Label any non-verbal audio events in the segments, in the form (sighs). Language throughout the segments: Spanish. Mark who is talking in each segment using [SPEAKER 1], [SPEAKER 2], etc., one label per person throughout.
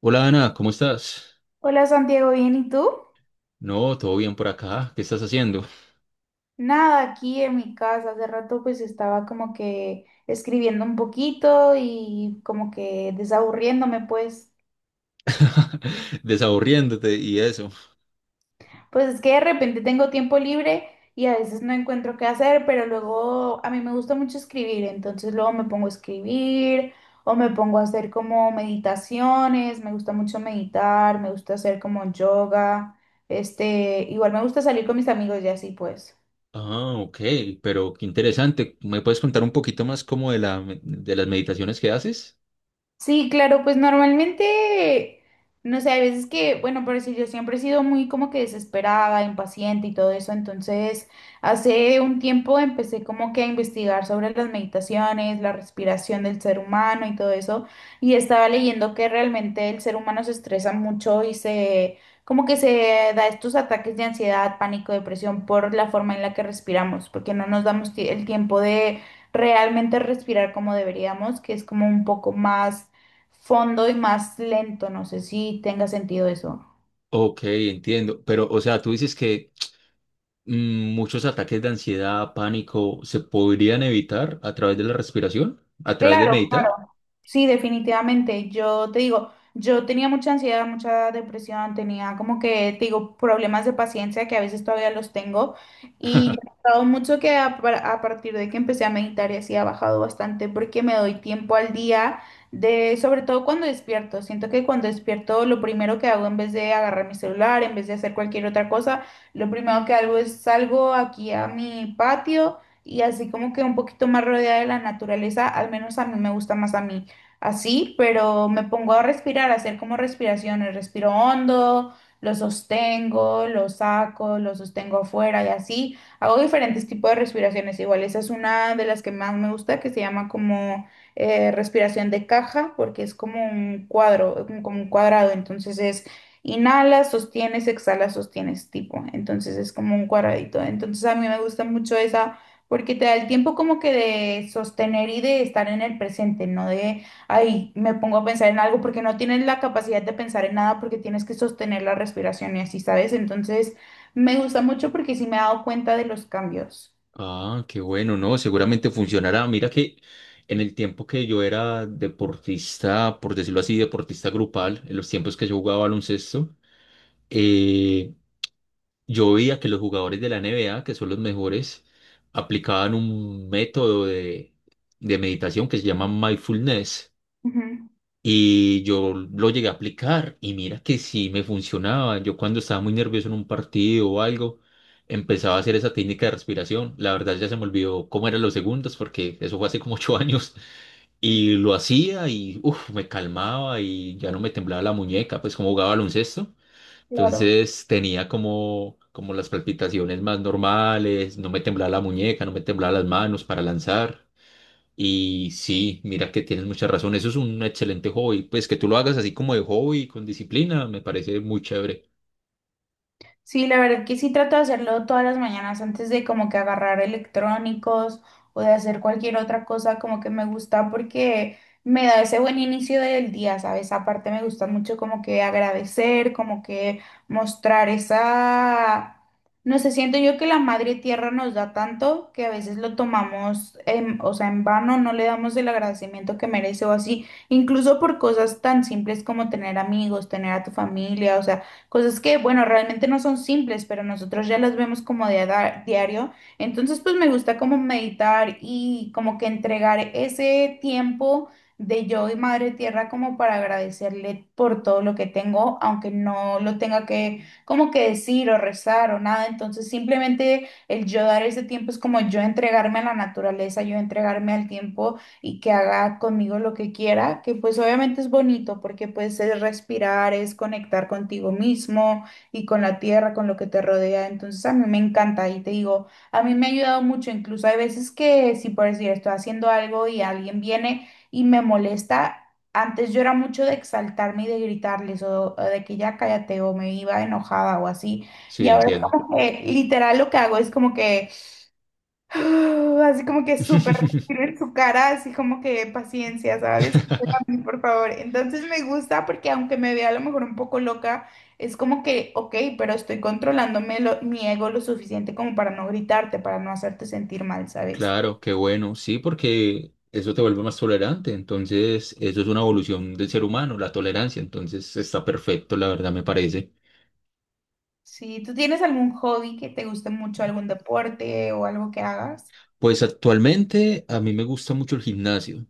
[SPEAKER 1] Hola Ana, ¿cómo estás?
[SPEAKER 2] Hola Santiago, ¿bien y tú?
[SPEAKER 1] No, todo bien por acá. ¿Qué estás haciendo?
[SPEAKER 2] Nada, aquí en mi casa. Hace rato pues estaba como que escribiendo un poquito y como que desaburriéndome pues.
[SPEAKER 1] (laughs) Desaburriéndote y eso.
[SPEAKER 2] Pues es que de repente tengo tiempo libre y a veces no encuentro qué hacer, pero luego a mí me gusta mucho escribir, entonces luego me pongo a escribir o me pongo a hacer como meditaciones, me gusta mucho meditar, me gusta hacer como yoga, este, igual me gusta salir con mis amigos y así pues.
[SPEAKER 1] Ah, ok, pero qué interesante. ¿Me puedes contar un poquito más como de las meditaciones que haces?
[SPEAKER 2] Sí, claro, pues normalmente, no sé, hay veces que, bueno, pero si yo siempre he sido muy como que desesperada, impaciente y todo eso, entonces hace un tiempo empecé como que a investigar sobre las meditaciones, la respiración del ser humano y todo eso, y estaba leyendo que realmente el ser humano se estresa mucho y se, como que se da estos ataques de ansiedad, pánico, depresión por la forma en la que respiramos, porque no nos damos el tiempo de realmente respirar como deberíamos, que es como un poco más fondo y más lento. No sé si tenga sentido eso.
[SPEAKER 1] Ok, entiendo. Pero, o sea, tú dices que muchos ataques de ansiedad, pánico, se podrían evitar a través de la respiración, a través de
[SPEAKER 2] Claro,
[SPEAKER 1] meditar.
[SPEAKER 2] claro. Sí, definitivamente. Yo te digo, yo tenía mucha ansiedad, mucha depresión, tenía como que, te digo, problemas de paciencia que a veces todavía los tengo. Y yo
[SPEAKER 1] (laughs)
[SPEAKER 2] he notado mucho que a partir de que empecé a meditar y así ha bajado bastante porque me doy tiempo al día de, sobre todo cuando despierto. Siento que cuando despierto lo primero que hago en vez de agarrar mi celular, en vez de hacer cualquier otra cosa, lo primero que hago es salgo aquí a mi patio y así como que un poquito más rodeada de la naturaleza, al menos a mí me gusta más a mí así, pero me pongo a respirar, a hacer como respiraciones, respiro hondo, lo sostengo, lo saco, lo sostengo afuera y así, hago diferentes tipos de respiraciones, igual esa es una de las que más me gusta, que se llama como respiración de caja, porque es como un cuadro, como un cuadrado, entonces es... Inhalas, sostienes, exhalas, sostienes, tipo. Entonces es como un cuadradito. Entonces a mí me gusta mucho esa porque te da el tiempo como que de sostener y de estar en el presente, no de, ay, me pongo a pensar en algo porque no tienes la capacidad de pensar en nada porque tienes que sostener la respiración y así, ¿sabes? Entonces, me gusta mucho porque sí me he dado cuenta de los cambios.
[SPEAKER 1] Ah, qué bueno, ¿no? Seguramente funcionará. Mira que en el tiempo que yo era deportista, por decirlo así, deportista grupal, en los tiempos que yo jugaba baloncesto, eh, yo veía que los jugadores de la NBA, que son los mejores, aplicaban un de meditación que se llama mindfulness.
[SPEAKER 2] Ujú,
[SPEAKER 1] Y yo lo llegué a aplicar y mira que sí me funcionaba. Yo cuando estaba muy nervioso en un partido o algo, empezaba a hacer esa técnica de respiración. La verdad ya se me olvidó cómo eran los segundos porque eso fue hace como ocho (laughs) años. Y lo hacía y uf, me calmaba y ya no me temblaba la muñeca, pues como jugaba baloncesto.
[SPEAKER 2] claro.
[SPEAKER 1] Entonces tenía como las palpitaciones más normales, no me temblaba la muñeca, no me temblaba las manos para lanzar. Y sí, mira que tienes mucha razón. Eso es un excelente hobby. Pues que tú lo hagas así como de hobby, con disciplina, me parece muy chévere.
[SPEAKER 2] Sí, la verdad que sí trato de hacerlo todas las mañanas antes de como que agarrar electrónicos o de hacer cualquier otra cosa como que me gusta porque me da ese buen inicio del día, ¿sabes? Aparte me gusta mucho como que agradecer, como que mostrar esa... No sé, siento yo que la madre tierra nos da tanto que a veces lo tomamos, en, o sea, en vano, no le damos el agradecimiento que merece o así, incluso por cosas tan simples como tener amigos, tener a tu familia, o sea... Cosas que, bueno, realmente no son simples, pero nosotros ya las vemos como de diario. Entonces, pues me gusta como meditar y como que entregar ese tiempo de yo y Madre Tierra como para agradecerle por todo lo que tengo, aunque no lo tenga que como que decir o rezar o nada. Entonces, simplemente el yo dar ese tiempo es como yo entregarme a la naturaleza, yo entregarme al tiempo y que haga conmigo lo que quiera, que pues obviamente es bonito porque pues es respirar, es conectar contigo mismo y con la tierra, con lo que te rodea. Entonces a mí me encanta y te digo, a mí me ha ayudado mucho, incluso hay veces que si por decir estoy haciendo algo y alguien viene y me molesta. Antes yo era mucho de exaltarme y de gritarles o de que ya cállate o me iba enojada o así. Y
[SPEAKER 1] Sí,
[SPEAKER 2] ahora es
[SPEAKER 1] entiendo.
[SPEAKER 2] como que literal lo que hago es como que (gasps) (sighs) así como que súper
[SPEAKER 1] (laughs)
[SPEAKER 2] respiro en su cara, así como que paciencia, ¿sabes? Espérame, por favor. Entonces me gusta porque aunque me vea a lo mejor un poco loca, es como que, ok, pero estoy controlándome mi ego lo suficiente como para no gritarte, para no hacerte sentir mal, ¿sabes?
[SPEAKER 1] Claro, qué bueno. Sí, porque eso te vuelve más tolerante. Entonces, eso es una evolución del ser humano, la tolerancia. Entonces, está perfecto, la verdad, me parece.
[SPEAKER 2] ¿Sí tú tienes algún hobby que te guste mucho, algún deporte o algo que hagas?
[SPEAKER 1] Pues actualmente a mí me gusta mucho el gimnasio.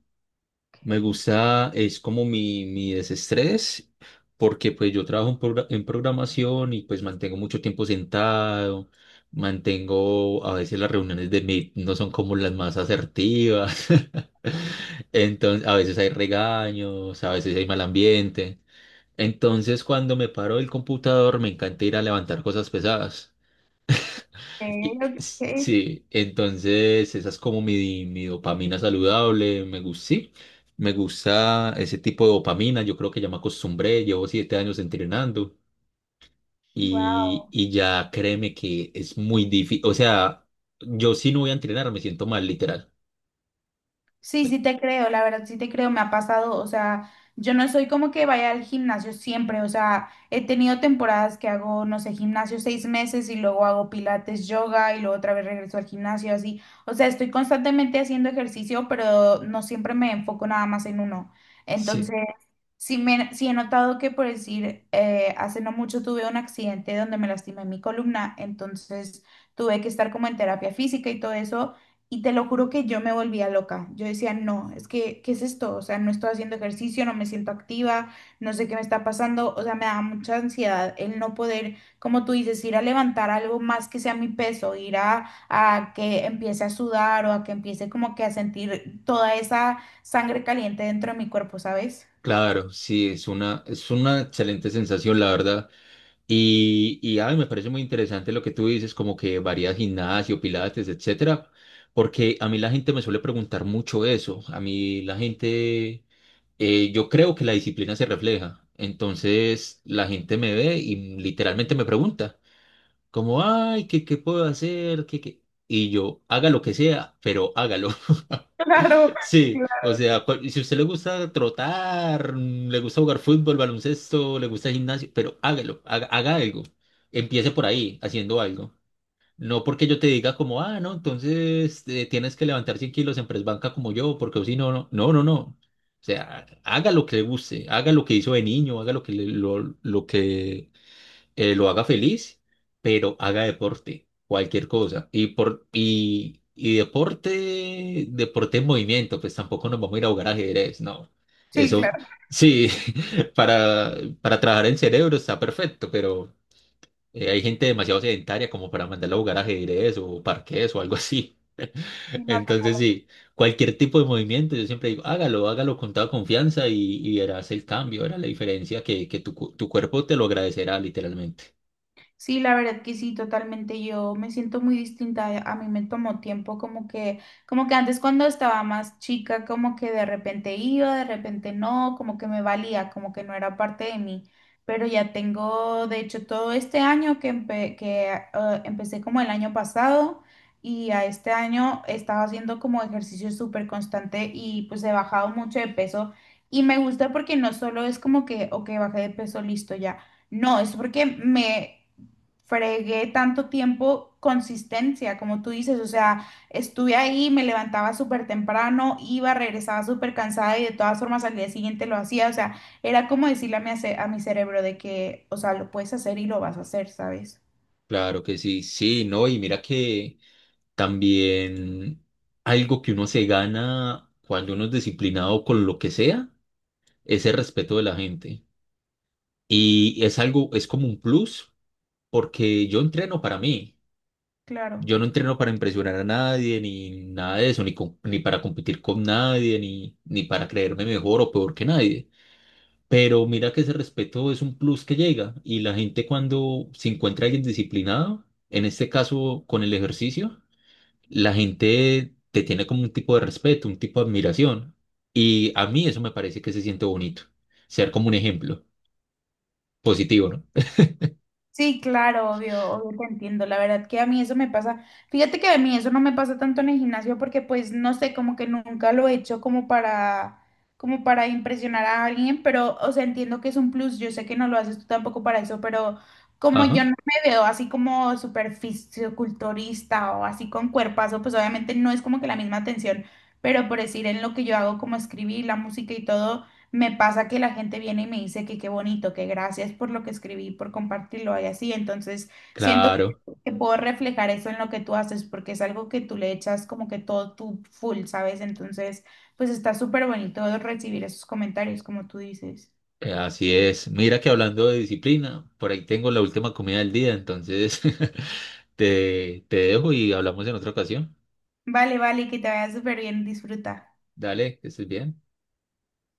[SPEAKER 2] Ok,
[SPEAKER 1] Me gusta, es como mi desestrés, porque pues yo trabajo en programación y pues mantengo mucho tiempo sentado, mantengo, a veces las reuniones de Meet no son como las más asertivas, (laughs) entonces a veces hay regaños, a veces hay mal ambiente, entonces cuando me paro del computador me encanta ir a levantar cosas pesadas.
[SPEAKER 2] ok, ok.
[SPEAKER 1] Sí, entonces esa es como mi dopamina saludable, me gusta, sí, me gusta ese tipo de dopamina, yo creo que ya me acostumbré, llevo siete años entrenando
[SPEAKER 2] Wow.
[SPEAKER 1] y ya créeme que es muy difícil, o sea, yo si no voy a entrenar me siento mal, literal.
[SPEAKER 2] Sí, sí te creo, la verdad sí te creo, me ha pasado, o sea, yo no soy como que vaya al gimnasio siempre, o sea, he tenido temporadas que hago, no sé, gimnasio seis meses y luego hago pilates, yoga y luego otra vez regreso al gimnasio, así, o sea, estoy constantemente haciendo ejercicio, pero no siempre me enfoco nada más en uno.
[SPEAKER 1] Sí,
[SPEAKER 2] Entonces, sí, me, sí he notado que, por decir, hace no mucho tuve un accidente donde me lastimé mi columna, entonces tuve que estar como en terapia física y todo eso. Y te lo juro que yo me volvía loca. Yo decía, no, es que, ¿qué es esto? O sea, no estoy haciendo ejercicio, no me siento activa, no sé qué me está pasando. O sea, me da mucha ansiedad el no poder, como tú dices, ir a levantar algo más que sea mi peso, ir a que empiece a sudar o a que empiece como que a sentir toda esa sangre caliente dentro de mi cuerpo, ¿sabes?
[SPEAKER 1] claro, sí, es es una excelente sensación, la verdad. Ay, me parece muy interesante lo que tú dices, como que varías gimnasio, pilates, etcétera, porque a mí la gente me suele preguntar mucho eso. A mí la gente, yo creo que la disciplina se refleja. Entonces la gente me ve y literalmente me pregunta, como, ay, ¿qué, qué puedo hacer? ¿Qué, qué? Y yo, haga lo que sea, pero hágalo. (laughs)
[SPEAKER 2] (laughs) Claro,
[SPEAKER 1] Sí, o
[SPEAKER 2] claro.
[SPEAKER 1] sea, y si a usted le gusta trotar, le gusta jugar fútbol, baloncesto, le gusta gimnasio, pero hágalo, haga, haga algo. Empiece por ahí, haciendo algo. No porque yo te diga como, ah, no, entonces tienes que levantar 100 kilos en press banca como yo, porque si no, no, no, no, no. O sea, haga lo que le guste, haga lo que hizo de niño, haga lo que lo que lo haga feliz, pero haga deporte, cualquier cosa. Y deporte, deporte en movimiento, pues tampoco nos vamos a ir a jugar ajedrez, no.
[SPEAKER 2] Sí,
[SPEAKER 1] Eso,
[SPEAKER 2] claro.
[SPEAKER 1] sí, (laughs) para, para trabajar en cerebro está perfecto, pero hay gente demasiado sedentaria como para mandarla a jugar ajedrez o parqués o algo así. (laughs) Entonces, sí, cualquier tipo de movimiento, yo siempre digo, hágalo, hágalo con toda confianza y verás el cambio, verás la diferencia que tu cuerpo te lo agradecerá literalmente.
[SPEAKER 2] Sí, la verdad que sí, totalmente. Yo me siento muy distinta. A mí me tomó tiempo como que antes cuando estaba más chica, como que de repente iba, de repente no, como que me valía, como que no era parte de mí. Pero ya tengo, de hecho, todo este año que, empecé como el año pasado y a este año estaba haciendo como ejercicio súper constante y pues he bajado mucho de peso y me gusta porque no solo es como que, ok, bajé de peso, listo ya. No, es porque me fregué tanto tiempo consistencia, como tú dices, o sea, estuve ahí, me levantaba súper temprano, iba, regresaba súper cansada y de todas formas al día siguiente lo hacía, o sea, era como decirle a a mi cerebro de que, o sea, lo puedes hacer y lo vas a hacer, ¿sabes?
[SPEAKER 1] Claro que sí, sí, no, y mira que también algo que uno se gana cuando uno es disciplinado con lo que sea es el respeto de la gente. Y es algo, es como un plus, porque yo entreno para mí.
[SPEAKER 2] Claro.
[SPEAKER 1] Yo no entreno para impresionar a nadie, ni nada de eso, ni para competir con nadie, ni para creerme mejor o peor que nadie. Pero mira que ese respeto es un plus que llega y la gente cuando se encuentra alguien disciplinado, en este caso con el ejercicio, la gente te tiene como un tipo de respeto, un tipo de admiración. Y a mí eso me parece que se siente bonito. Ser como un ejemplo positivo, ¿no?
[SPEAKER 2] Sí, claro, obvio, obvio te entiendo. La verdad que a mí eso me pasa. Fíjate que a mí eso no me pasa tanto en el gimnasio porque pues no sé, como que nunca lo he hecho como para como para impresionar a alguien, pero o sea, entiendo que es un plus. Yo sé que no lo haces tú tampoco para eso, pero como yo
[SPEAKER 1] Ajá,
[SPEAKER 2] no me veo así como súper fisiculturista o así con cuerpazo, pues obviamente no es como que la misma atención, pero por decir en lo que yo hago como escribir la música y todo me pasa que la gente viene y me dice que qué bonito, que gracias por lo que escribí, por compartirlo y así. Entonces, siento
[SPEAKER 1] claro,
[SPEAKER 2] que puedo reflejar eso en lo que tú haces porque es algo que tú le echas como que todo tu full, ¿sabes? Entonces, pues está súper bonito recibir esos comentarios, como tú dices.
[SPEAKER 1] así es. Mira que hablando de disciplina, por ahí tengo la última comida del día, entonces (laughs) te dejo y hablamos en otra ocasión.
[SPEAKER 2] Vale, vale, que te vaya súper bien, disfruta.
[SPEAKER 1] Dale, que estés bien.